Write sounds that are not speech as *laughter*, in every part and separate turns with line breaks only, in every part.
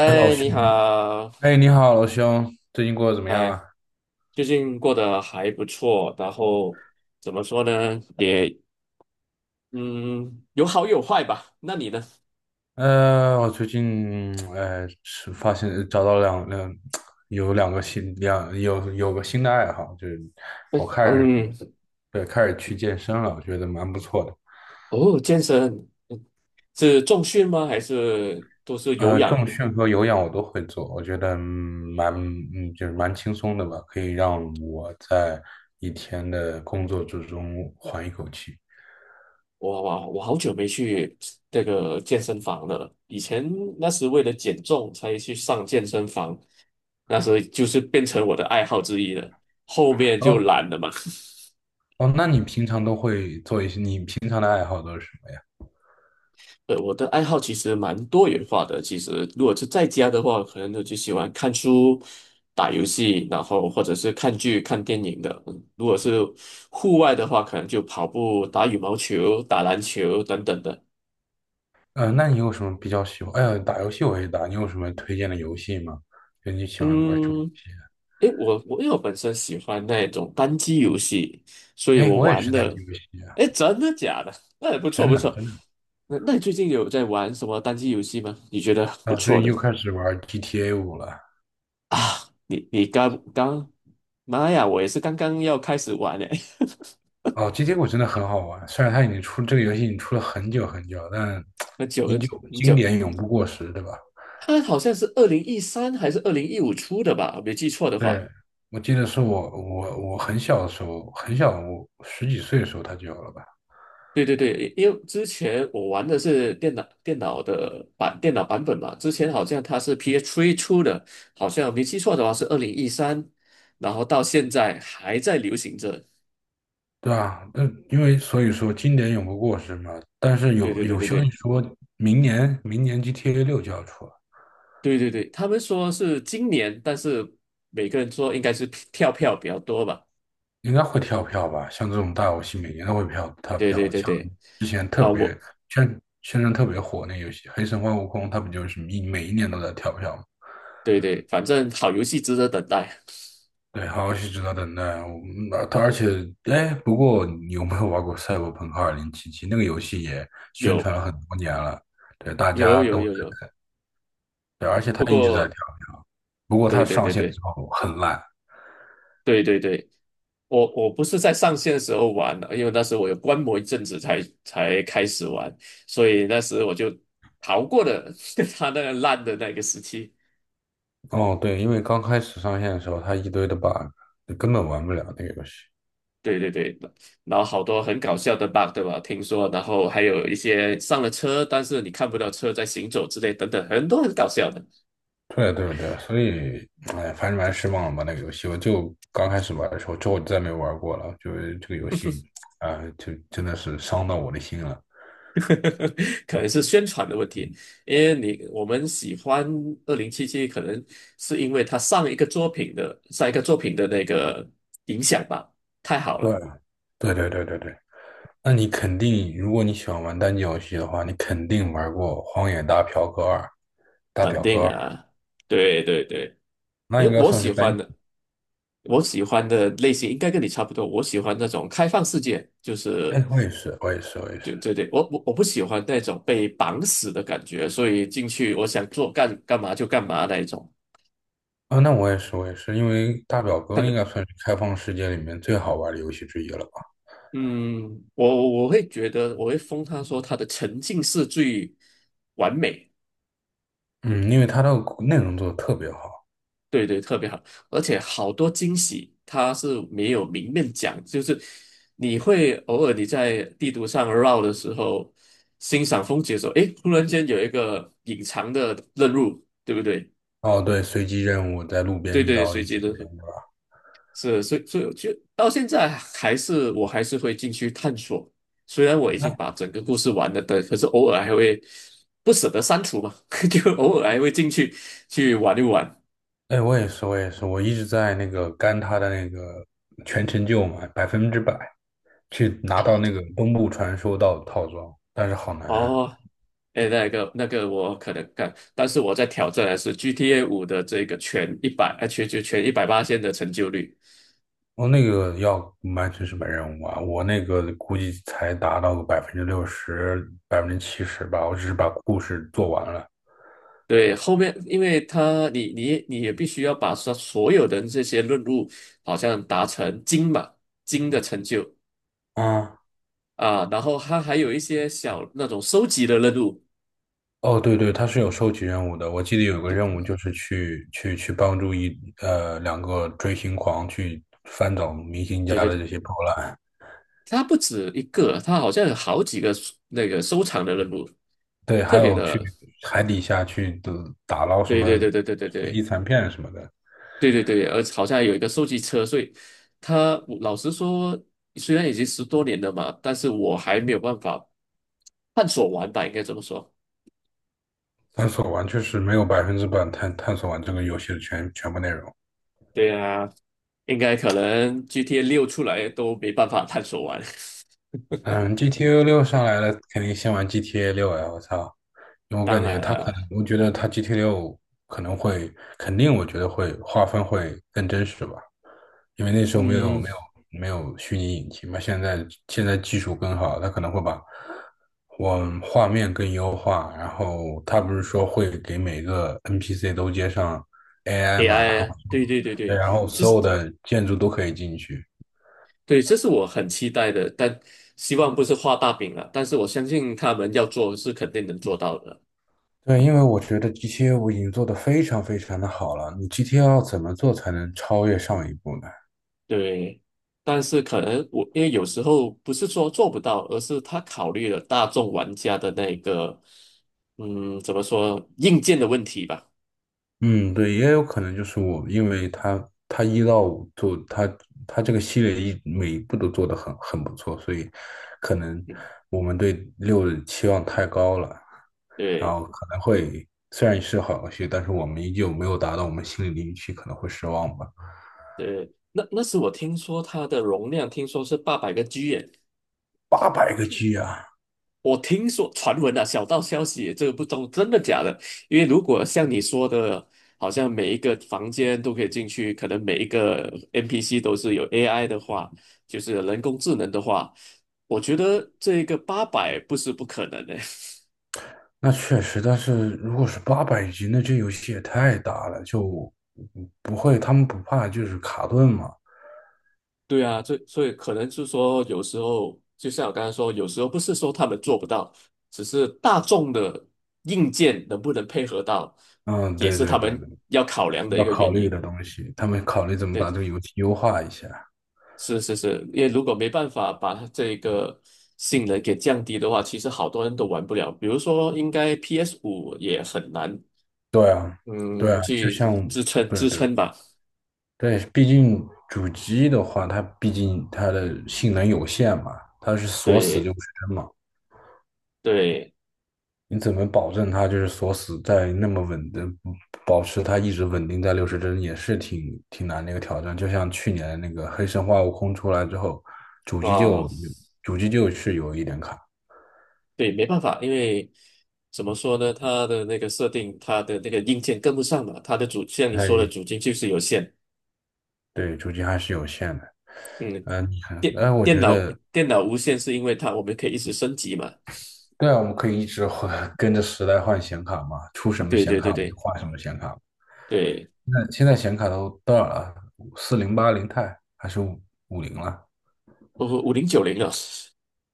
哎，老兄，
你好，
哎，你好，老兄，最近过得怎么样
哎，
啊？
最近过得还不错，然后怎么说呢，也嗯，有好有坏吧。那你呢？
我最近，是发现找到两两，有两个新两有有个新的爱好，就是我开始
嗯，
对开始去健身了，我觉得蛮不错的。
哦，健身是重训吗？还是都是有氧？
重训和有氧我都会做，我觉得嗯蛮嗯就是蛮轻松的吧，可以让我在一天的工作之中缓一口气。
我好久没去这个健身房了，以前那时为了减重才去上健身房，那时就是变成我的爱好之一了，后面就
哦
懒了嘛。*laughs*
哦，那你平常都会做一些，你平常的爱好都是什么呀？
我的爱好其实蛮多元化的。其实，如果是在家的话，可能我就喜欢看书、打游戏，然后或者是看剧、看电影的。嗯如果是户外的话，可能就跑步、打羽毛球、打篮球等等的。
那你有什么比较喜欢？哎呀，打游戏我也打，你有什么推荐的游戏吗？就你喜欢玩什么游
嗯，
戏啊？
诶，我因为我本身喜欢那种单机游戏，所以
哎，
我
我也
玩
是单
的，
机游戏啊，
诶，真的假的？*laughs* 那也不错
真
不
的
错。
真的。
那你最近有在玩什么单机游戏吗？你觉得不
啊，最
错
近
的？
又开始玩 GTA 五了。
啊，你刚刚，妈呀，我也是刚刚要开始玩诶，
哦，GTA 五真的很好玩，虽然它已经出这个游戏已经出了很久很久，但
*laughs* 很久
依
很
旧
久很
经
久，
典永不过时，对吧？
它好像是二零一三还是2015出的吧，我没记错的话。
对，我记得是我很小的时候，很小，我十几岁的时候它就有了吧。
对对对，因为之前我玩的是电脑版本嘛，之前好像它是 PS3 出的，好像没记错的话是二零一三，然后到现在还在流行着。
对啊，那因为所以说经典永不过时嘛。但是
对
有
对对
有
对
消息
对
说，明年 GTA 六就要出了，
对对对，他们说是今年，但是每个人说应该是跳票比较多吧。
应该会跳票吧？像这种大游戏，每年都会跳
对对
票。
对
像
对。
之前特
啊，我
别宣传特别火那游戏《黑神话：悟空》，它不就是每一年都在跳票吗？
对对，反正好游戏值得等待。*laughs*
对，好游戏值得等待啊。我嗯它而且，哎，不过你有没有玩过《赛博朋克二零七七》？那个游戏也宣
有
传了很多年了，对，大
有
家
有
都
有有。
对，而且它
不
一直在
过，
跳。不过它
对对
上
对
线的
对
时候很烂。
对对对，我不是在上线的时候玩的，因为那时候我有观摩一阵子才开始玩，所以那时我就逃过了 *laughs* 他那个烂的那个时期。
哦，对，因为刚开始上线的时候，它一堆的 bug，你根本玩不了那个游戏。
对对对，然后好多很搞笑的 bug，对吧？听说，然后还有一些上了车，但是你看不到车在行走之类等等，很多很搞笑的。
对对对，所以，哎，反正蛮失望吧那个游戏。我就刚开始玩的时候，之后再没玩过了。就是这个游戏，啊、就真的是伤到我的心了。
*laughs* 可能是宣传的问题，因为我们喜欢2077，可能是因为他上一个作品的那个影响吧，太好
对，
了。
对对对对对。那你肯定，如果你喜欢玩单机游戏的话，你肯定玩过《荒野大嫖客二》《大
肯
表哥
定
二》，
啊，对对对，
那
因
应
为
该
我
算是
喜欢
单。
的，我喜欢的类型应该跟你差不多。我喜欢那种开放世界，就是
哎，我也是，我也是，我也是。
对对对，我不喜欢那种被绑死的感觉，所以进去我想干嘛就干嘛那一种。
啊，那我也是，我也是，因为大表哥应
的。
该算是开放世界里面最好玩的游戏之一了吧？
嗯，我会封他说他的沉浸式最完美，
嗯，因为它的内容做的特别好。
对对，特别好，而且好多惊喜他是没有明面讲，就是你会偶尔你在地图上绕的时候，欣赏风景的时候，诶，突然间有一个隐藏的任务，对不对？
哦，对，随机任务在路边
对
遇
对，
到了
随
一
机
些
的，
人，对吧？
是，所以就到现在我还是会进去探索，虽然我已经
那，
把整个故事完了的，可是偶尔还会不舍得删除嘛，*laughs* 就偶尔还会进去去玩一玩
哎，我也是，我也是，我一直在那个干他的那个全成就嘛，百分之百去拿到那
啊。
个东部传说道的套装，但是好难啊。
哦，哎，那个我可能干，但是我在挑战的是 GTA5的这个全一百八千的成就率。
我那个要完成什么任务啊，我那个估计才达到个百分之六十、百分之七十吧，我只是把故事做完了。
对，后面因为他你你你也必须要把所有的这些任务好像达成金嘛，金的成就。
啊，
啊，然后它还有一些小那种收集的任务，
哦，对对，它是有收集任务的。我记得有个
对
任
对，
务就是去帮助两个追星狂去翻找明星
对
家
对
的这
对，
些破烂，
它不止一个，它好像有好几个那个收藏的任务，
对，还
特别
有去
的，
海底下去的打捞什
对对
么
对对对对
遗
对
残片什么的。
对对对，而好像有一个收集车，所以它我老实说，虽然已经10多年了嘛，但是我还没有办法探索完吧，应该这么说。
探索完确实没有百分之百探索完这个游戏的全部内容。
对啊，应该可能 GTA6出来都没办法探索完。
嗯，GTA 六上来了，肯定先玩 GTA 六呀！我操，因为
*laughs*
我感
当
觉
然
它可
了，
能，我觉得它 GTA 六可能会，肯定我觉得会划分会更真实吧。因为那时候没有
嗯
没有没有虚拟引擎嘛，现在技术更好，它可能会把我画面更优化，然后它不是说会给每个 NPC 都接上 AI 嘛，然后
，AI，对对对
对，
对，
然后
就
所
是。
有的建筑都可以进去。
对，这是我很期待的，但希望不是画大饼了。但是我相信他们要做是肯定能做到的。
对，因为我觉得 GTA 五已经做得非常非常的好了，你 GTA 要怎么做才能超越上一步呢？
对，但是可能我因为有时候不是说做不到，而是他考虑了大众玩家的那个，嗯，怎么说硬件的问题吧。
嗯，对，也有可能就是我，因为他一到五做他这个系列每一步都做得很不错，所以可能
嗯，
我们对六的期望太高了，然
对
后可能会虽然是好游戏，但是我们依旧没有达到我们心里的预期，可能会失望吧。
对，那时我听说它的容量听说是800个G 耶，
八百个 G 啊，
我听说传闻啊，小道消息，这个不懂真的假的。因为如果像你说的，好像每一个房间都可以进去，可能每一个 NPC 都是有 AI 的话，就是人工智能的话，我觉得这个八百不是不可能的。
那确实，但是如果是八百 G，那这游戏也太大了，就不会他们不怕就是卡顿嘛？
*laughs* 对啊，这所以可能就是说，有时候就像我刚才说，有时候不是说他们做不到，只是大众的硬件能不能配合到，
嗯，
也
对
是
对
他
对
们
对。
要考量的一
要
个
考
原
虑
因。
的东西，他们考虑怎么把
对
这个游戏优化一下。
是是是，因为如果没办法把它这个性能给降低的话，其实好多人都玩不了。比如说，应该 PS5也很难，
对啊，对啊，
嗯，
就
去
像
支撑
对
支
对
撑吧。
对，毕竟主机的话，它毕竟它的性能有限嘛，它是锁死就
对
不是真嘛。
对
你怎么保证它就是锁死在那么稳的，保持它一直稳定在六十帧，也是挺挺难的一个挑战。就像去年那个《黑神话：悟空》出来之后，主机
啊，
就主机就是有一点卡，
对，没办法，因为怎么说呢，它的那个设定，它的那个硬件跟不上嘛，它的主像你
它
说的
也
主机就是有限。
对主机还是有限的。
嗯，
嗯，你看，
电
哎，我
电
觉
脑
得
电脑无线是因为它我们可以一直升级嘛。
对啊，我们可以一直换，*laughs* 跟着时代换显卡嘛，出什么
对
显
对
卡
对
我们就
对
换什么显卡。
对，
那现在显卡都多少了？四零八零钛还是五零了？
哦，5090了。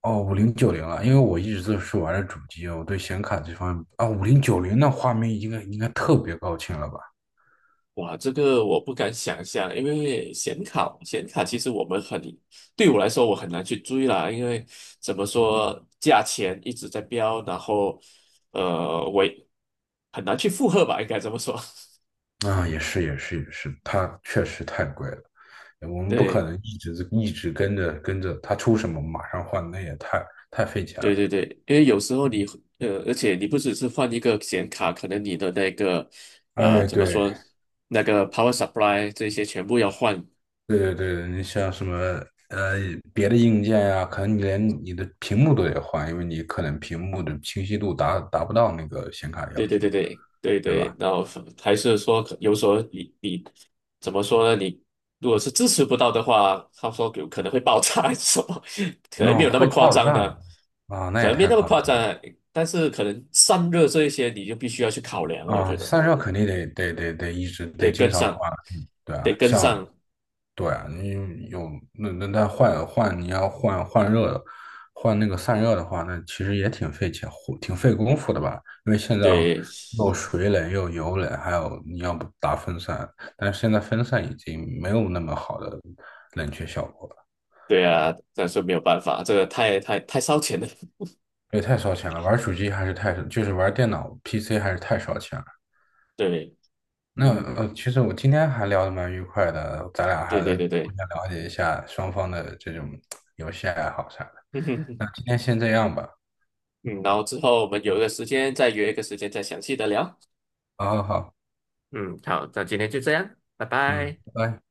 哦，五零九零了。因为我一直都是玩的主机，我对显卡这方面啊，五零九零那画面应该特别高清了吧？
哇，这个我不敢想象，因为显卡其实我们很，对我来说我很难去追啦，因为怎么说价钱一直在飙，然后我也很难去负荷吧，应该这么说。*laughs*
啊，也是也是也是，它确实太贵了。我们不可
对
能一直跟着它出什么马上换，那也太费钱
对
了。
对对，因为有时候而且你不只是换一个显卡，可能你的那个
哎，
怎么
对，
说那个 power supply 这些全部要换，
对对对，你像什么呃别的硬件呀、可能你连你的屏幕都得换，因为你可能屏幕的清晰度达不到那个显卡的要
对对对
求，
对对
对
对，
吧？
然后还是说有所候你怎么说呢？你如果是支持不到的话，他说有可能会爆炸还是什么。*laughs* 可能没
那
有那么
会
夸
爆
张
炸
的，
啊，那
可
也
能没
太
那么
夸
夸张
张
啊，但是可能散热这一些你就必须要去考量了，我
啊，
觉得
散热肯定得一直得
得
经
跟
常
上，
换，嗯对啊，
得跟
像，
上，
对啊，你有那换你要换热的，换那个散热的话，那其实也挺费钱，挺费功夫的吧？因为现在
对
又水冷又油冷，还有你要不打风扇，但是现在风扇已经没有那么好的冷却效果了，
对啊，但是没有办法，这个太太太烧钱了。
因为太烧钱了。玩手机还是太，就是玩电脑 PC 还是太烧钱了。
*laughs* 对，
那
嗯，
其实我今天还聊得蛮愉快的，咱俩还
对
得
对对
互
对。
相了解一下双方的这种游戏爱好啥的。那
*laughs*
今天先这样吧。
嗯，然后之后我们有一个时间再约一个时间再详细的聊。
好好好，
嗯，好，那今天就这样，拜
嗯，
拜。
拜拜。